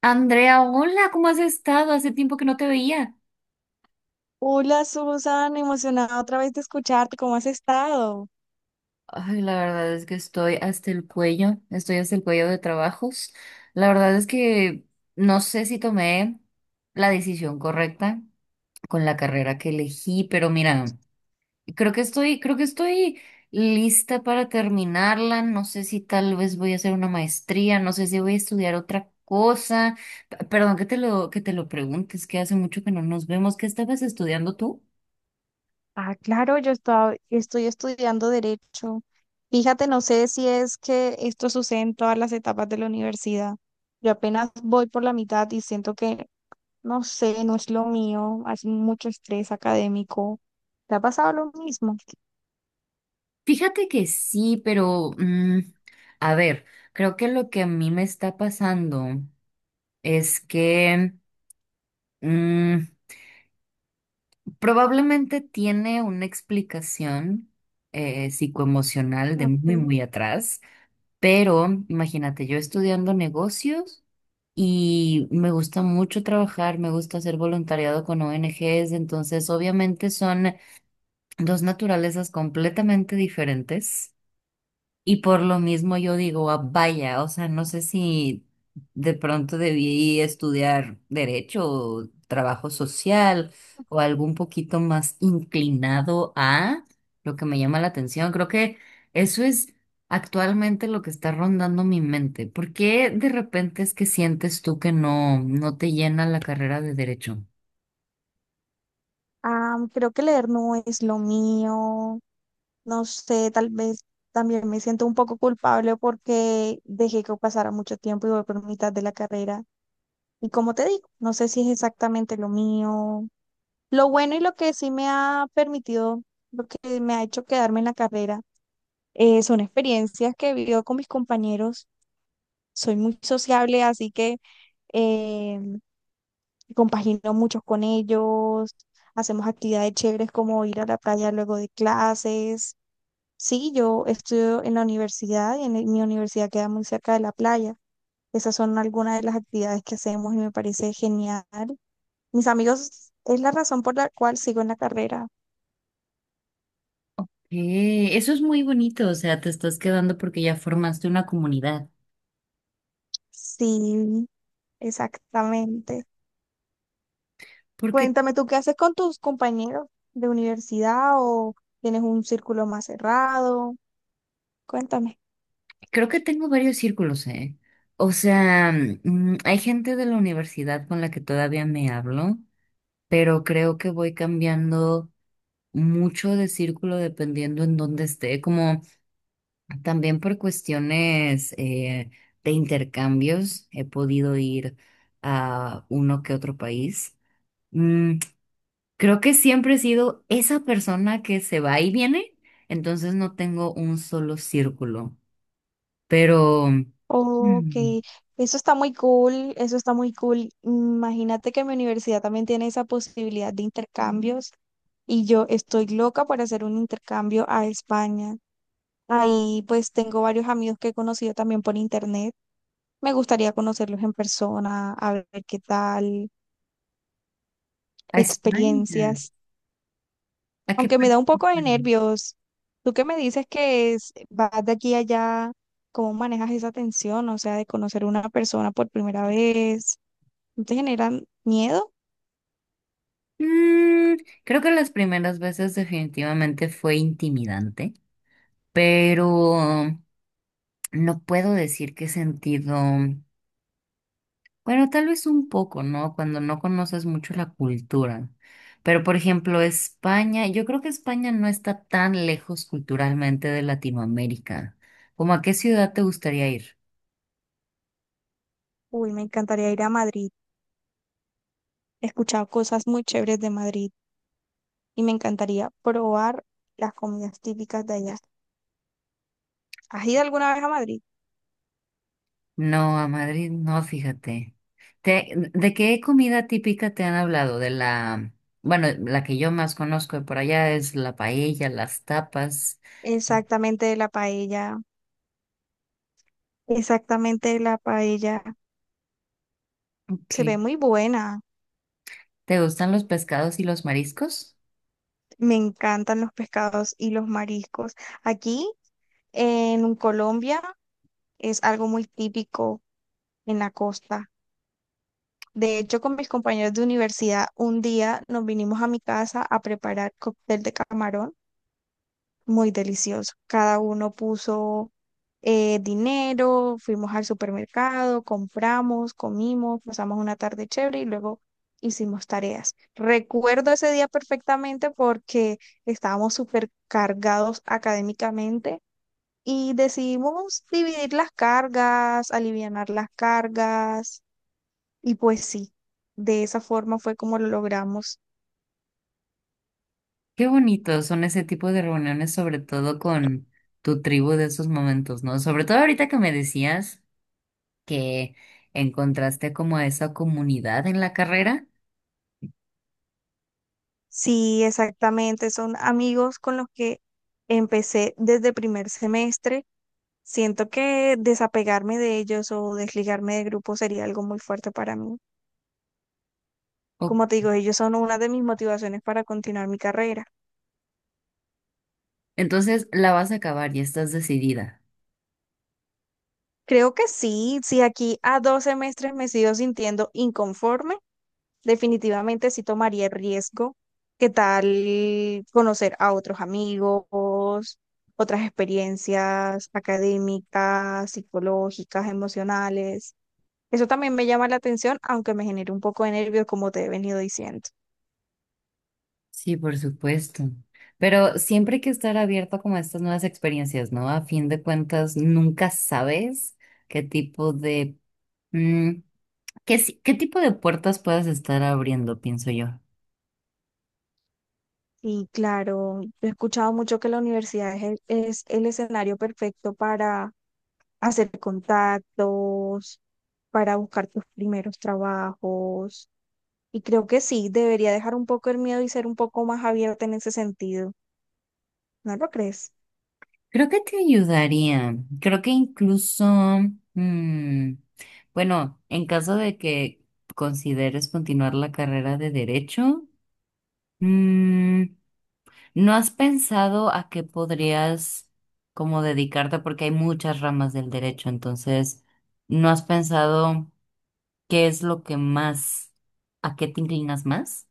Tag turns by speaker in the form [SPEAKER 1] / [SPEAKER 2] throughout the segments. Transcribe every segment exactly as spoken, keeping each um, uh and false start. [SPEAKER 1] Andrea, hola, ¿cómo has estado? Hace tiempo que no te veía.
[SPEAKER 2] Hola Susan, emocionada otra vez de escucharte. ¿Cómo has estado?
[SPEAKER 1] Ay, la verdad es que estoy hasta el cuello, estoy hasta el cuello de trabajos. La verdad es que no sé si tomé la decisión correcta con la carrera que elegí, pero mira, creo que estoy, creo que estoy lista para terminarla. No sé si tal vez voy a hacer una maestría, no sé si voy a estudiar otra cosa. P- Perdón que te lo, que te lo preguntes, que hace mucho que no nos vemos. ¿Qué estabas estudiando tú?
[SPEAKER 2] Ah, claro, yo estaba- estoy estudiando derecho. Fíjate, no sé si es que esto sucede en todas las etapas de la universidad. Yo apenas voy por la mitad y siento que, no sé, no es lo mío. Hay mucho estrés académico. ¿Te ha pasado lo mismo?
[SPEAKER 1] Fíjate que sí, pero mm, a ver, creo que lo que a mí me está pasando es que mm, probablemente tiene una explicación eh, psicoemocional de muy,
[SPEAKER 2] Ok.
[SPEAKER 1] muy atrás, pero imagínate, yo estudiando negocios y me gusta mucho trabajar, me gusta hacer voluntariado con O N Ges, entonces obviamente son dos naturalezas completamente diferentes. Y por lo mismo yo digo, "Ah, vaya, o sea, no sé si de pronto debí estudiar derecho o trabajo social o algo un poquito más inclinado a lo que me llama la atención. Creo que eso es actualmente lo que está rondando mi mente. ¿Por qué de repente es que sientes tú que no, no te llena la carrera de derecho?
[SPEAKER 2] Ah, creo que leer no es lo mío. No sé, tal vez también me siento un poco culpable porque dejé que pasara mucho tiempo y voy por mitad de la carrera. Y como te digo, no sé si es exactamente lo mío. Lo bueno y lo que sí me ha permitido, lo que me ha hecho quedarme en la carrera, eh, son experiencias que he vivido con mis compañeros. Soy muy sociable, así que eh, compagino muchos con ellos. Hacemos actividades chéveres como ir a la playa luego de clases. Sí, yo estudio en la universidad y en el- mi universidad queda muy cerca de la playa. Esas son algunas de las actividades que hacemos y me parece genial. Mis amigos, es la razón por la cual sigo en la carrera.
[SPEAKER 1] Eh, eso es muy bonito, o sea, te estás quedando porque ya formaste una comunidad.
[SPEAKER 2] Sí, exactamente.
[SPEAKER 1] Porque
[SPEAKER 2] Cuéntame, ¿tú qué haces con tus compañeros de universidad o tienes un círculo más cerrado? Cuéntame.
[SPEAKER 1] creo que tengo varios círculos, ¿eh? O sea, mm, hay gente de la universidad con la que todavía me hablo, pero creo que voy cambiando mucho de círculo dependiendo en dónde esté, como también por cuestiones eh, de intercambios he podido ir a uno que otro país. Mm, creo que siempre he sido esa persona que se va y viene, entonces no tengo un solo círculo, pero...
[SPEAKER 2] Ok,
[SPEAKER 1] mm,
[SPEAKER 2] eso está muy cool, eso está muy cool. Imagínate que mi universidad también tiene esa posibilidad de intercambios. Y yo estoy loca por hacer un intercambio a España. Ahí pues tengo varios amigos que he conocido también por internet. Me gustaría conocerlos en persona, a ver qué tal,
[SPEAKER 1] a España.
[SPEAKER 2] experiencias,
[SPEAKER 1] ¿A qué
[SPEAKER 2] aunque me
[SPEAKER 1] parte
[SPEAKER 2] da un
[SPEAKER 1] de
[SPEAKER 2] poco de
[SPEAKER 1] España?
[SPEAKER 2] nervios. ¿Tú qué me dices que es, vas de aquí a allá? ¿Cómo manejas esa tensión? O sea, de conocer a una persona por primera vez. ¿No te generan miedo?
[SPEAKER 1] Mm, creo que las primeras veces definitivamente fue intimidante, pero no puedo decir qué sentido. Bueno, tal vez un poco, ¿no? Cuando no conoces mucho la cultura. Pero, por ejemplo, España, yo creo que España no está tan lejos culturalmente de Latinoamérica. ¿Cómo a qué ciudad te gustaría ir?
[SPEAKER 2] Uy, me encantaría ir a Madrid. He escuchado cosas muy chéveres de Madrid. Y me encantaría probar las comidas típicas de allá. ¿Has ido alguna vez a Madrid?
[SPEAKER 1] No, a Madrid no, fíjate. Te- ¿de qué comida típica te han hablado? De la, bueno, la que yo más conozco de por allá es la paella, las tapas.
[SPEAKER 2] Exactamente la paella, exactamente la paella. Se
[SPEAKER 1] Ok.
[SPEAKER 2] ve muy buena.
[SPEAKER 1] ¿Te gustan los pescados y los mariscos?
[SPEAKER 2] Me encantan los pescados y los mariscos. Aquí en Colombia es algo muy típico en la costa. De hecho, con mis compañeros de universidad, un día nos vinimos a mi casa a preparar cóctel de camarón muy delicioso. Cada uno puso eh, dinero, fuimos al supermercado, compramos, comimos, pasamos una tarde chévere y luego hicimos tareas. Recuerdo ese día perfectamente porque estábamos súper cargados académicamente y decidimos dividir las cargas, alivianar las cargas y pues sí, de esa forma fue como lo logramos.
[SPEAKER 1] Qué bonitos son ese tipo de reuniones, sobre todo con tu tribu de esos momentos, ¿no? Sobre todo ahorita que me decías que encontraste como a esa comunidad en la carrera.
[SPEAKER 2] Sí, exactamente. Son amigos con los que empecé desde primer semestre. Siento que desapegarme de ellos o desligarme del grupo sería algo muy fuerte para mí. Como
[SPEAKER 1] o-
[SPEAKER 2] te digo, ellos son una de mis motivaciones para continuar mi carrera.
[SPEAKER 1] Entonces la vas a acabar y estás decidida.
[SPEAKER 2] Creo que sí, si aquí a dos semestres me sigo sintiendo inconforme. Definitivamente sí tomaría el riesgo. ¿Qué tal conocer a otros amigos, otras experiencias académicas, psicológicas, emocionales? Eso también me llama la atención, aunque me genere un poco de nervios, como te he venido diciendo.
[SPEAKER 1] Sí, por supuesto. Pero siempre hay que estar abierto como a estas nuevas experiencias, ¿no? A fin de cuentas, nunca sabes qué tipo de mm, qué, si- qué tipo de puertas puedas estar abriendo, pienso yo.
[SPEAKER 2] Y claro, he escuchado mucho que la universidad es el, es el escenario perfecto para hacer contactos, para buscar tus primeros trabajos. Y creo que sí, debería dejar un poco el miedo y ser un poco más abierta en ese sentido. ¿No lo crees?
[SPEAKER 1] Creo que te ayudaría. Creo que incluso, mm, bueno, en caso de que consideres continuar la carrera de derecho, mm, ¿no has pensado a qué podrías como dedicarte? Porque hay muchas ramas del derecho, entonces, ¿no has pensado qué es lo que más, a qué te inclinas más?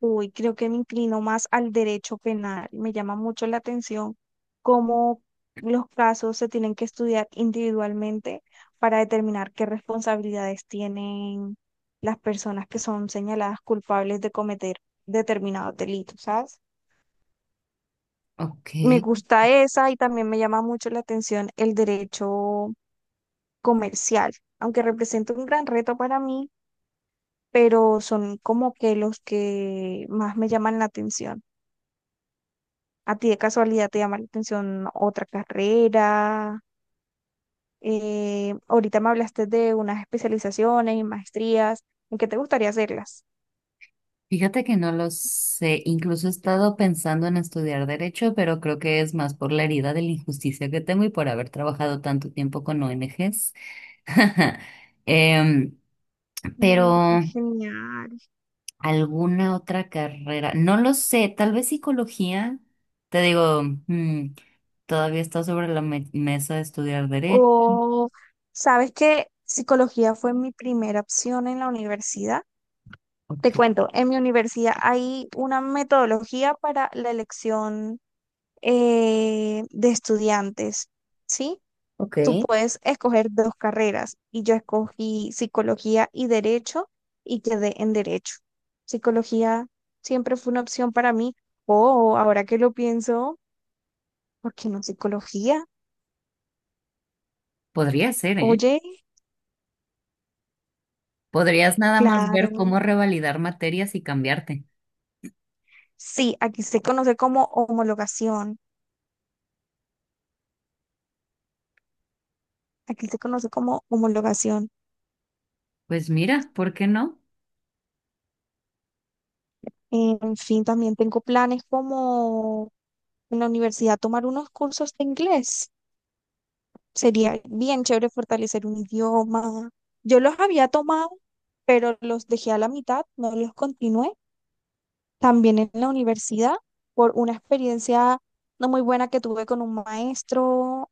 [SPEAKER 2] Uy, creo que me inclino más al derecho penal. Me llama mucho la atención cómo los casos se tienen que estudiar individualmente para determinar qué responsabilidades tienen las personas que son señaladas culpables de cometer determinados delitos, ¿sabes?
[SPEAKER 1] Ok,
[SPEAKER 2] Me gusta esa y también me llama mucho la atención el derecho comercial, aunque representa un gran reto para mí, pero son como que los que más me llaman la atención. ¿A ti de casualidad te llama la atención otra carrera? Eh, ahorita me hablaste de unas especializaciones y maestrías. ¿En qué te gustaría hacerlas?
[SPEAKER 1] fíjate que no lo sé. Incluso he estado pensando en estudiar derecho, pero creo que es más por la herida de la injusticia que tengo y por haber trabajado tanto tiempo con O N Ges. Em,
[SPEAKER 2] Mm.
[SPEAKER 1] pero
[SPEAKER 2] Genial.
[SPEAKER 1] ¿alguna otra carrera? No lo sé, tal vez psicología. Te digo, mm, todavía está sobre la me- mesa de estudiar derecho.
[SPEAKER 2] O, ¿sabes que psicología fue mi primera opción en la universidad? Te
[SPEAKER 1] Ok.
[SPEAKER 2] cuento, en mi universidad hay una metodología para la elección eh, de estudiantes, ¿sí?
[SPEAKER 1] Ok.
[SPEAKER 2] Tú puedes escoger dos carreras y yo escogí psicología y derecho y quedé en derecho. Psicología siempre fue una opción para mí. Oh, ahora que lo pienso, ¿por qué no psicología?
[SPEAKER 1] Podría ser, ¿eh?
[SPEAKER 2] Oye,
[SPEAKER 1] Podrías nada más ver
[SPEAKER 2] claro.
[SPEAKER 1] cómo revalidar materias y cambiarte.
[SPEAKER 2] Sí, aquí se conoce como homologación. Aquí se conoce como homologación.
[SPEAKER 1] Pues mira, ¿por qué no?
[SPEAKER 2] En fin, también tengo planes como en la universidad tomar unos cursos de inglés. Sería bien chévere fortalecer un idioma. Yo los había tomado, pero los dejé a la mitad, no los continué. También en la universidad, por una experiencia no muy buena que tuve con un maestro,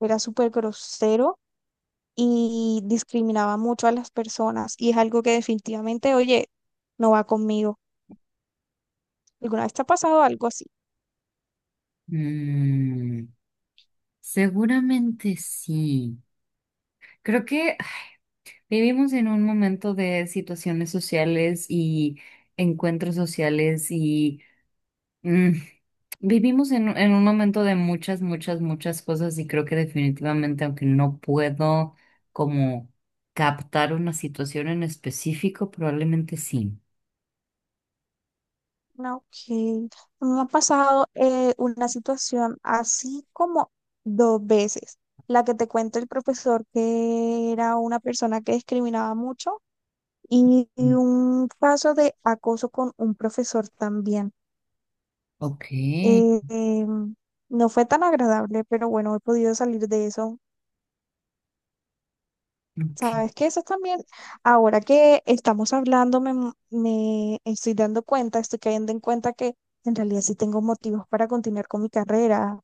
[SPEAKER 2] era súper grosero y discriminaba mucho a las personas. Y es algo que definitivamente, oye, no va conmigo. ¿Alguna vez te ha pasado algo así?
[SPEAKER 1] Mm, seguramente sí. Creo que ah, vivimos en un momento de situaciones sociales y encuentros sociales y... mm, vivimos en, en un momento de muchas, muchas, muchas cosas y creo que definitivamente, aunque no puedo como captar una situación en específico, probablemente sí.
[SPEAKER 2] Ah, ok. Me ha pasado eh, una situación así como dos veces. La que te cuenta el profesor, que era una persona que discriminaba mucho, y, y
[SPEAKER 1] Mm.
[SPEAKER 2] un caso de acoso con un profesor también.
[SPEAKER 1] Ok,
[SPEAKER 2] Eh, em, no fue tan agradable, pero bueno, he podido salir de eso.
[SPEAKER 1] ok,
[SPEAKER 2] Sabes que eso también, ahora que estamos hablando, me, me estoy dando cuenta, estoy cayendo en cuenta que en realidad sí tengo motivos para continuar con mi carrera.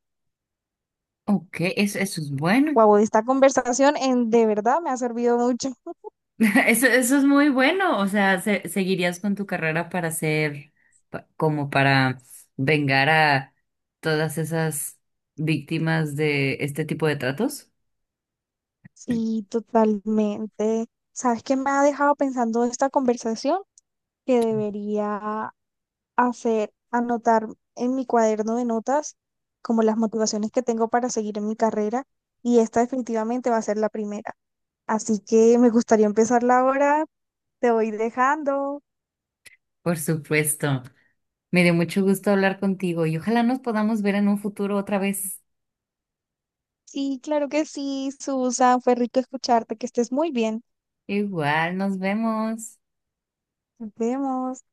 [SPEAKER 1] ok, eso, eso es bueno,
[SPEAKER 2] Wow, esta conversación en de verdad me ha servido mucho.
[SPEAKER 1] eso, eso es muy bueno, o sea, se- seguirías con tu carrera para ser, pa- como para vengar a todas esas víctimas de este tipo de tratos,
[SPEAKER 2] Sí, totalmente. ¿Sabes qué me ha dejado pensando esta conversación? Que debería hacer, anotar en mi cuaderno de notas como las motivaciones que tengo para seguir en mi carrera y esta definitivamente va a ser la primera. Así que me gustaría empezarla ahora. Te voy dejando.
[SPEAKER 1] por supuesto. Me dio mucho gusto hablar contigo y ojalá nos podamos ver en un futuro otra vez.
[SPEAKER 2] Sí, claro que sí, Susan. Fue rico escucharte. Que estés muy bien.
[SPEAKER 1] Igual, nos vemos.
[SPEAKER 2] Nos vemos.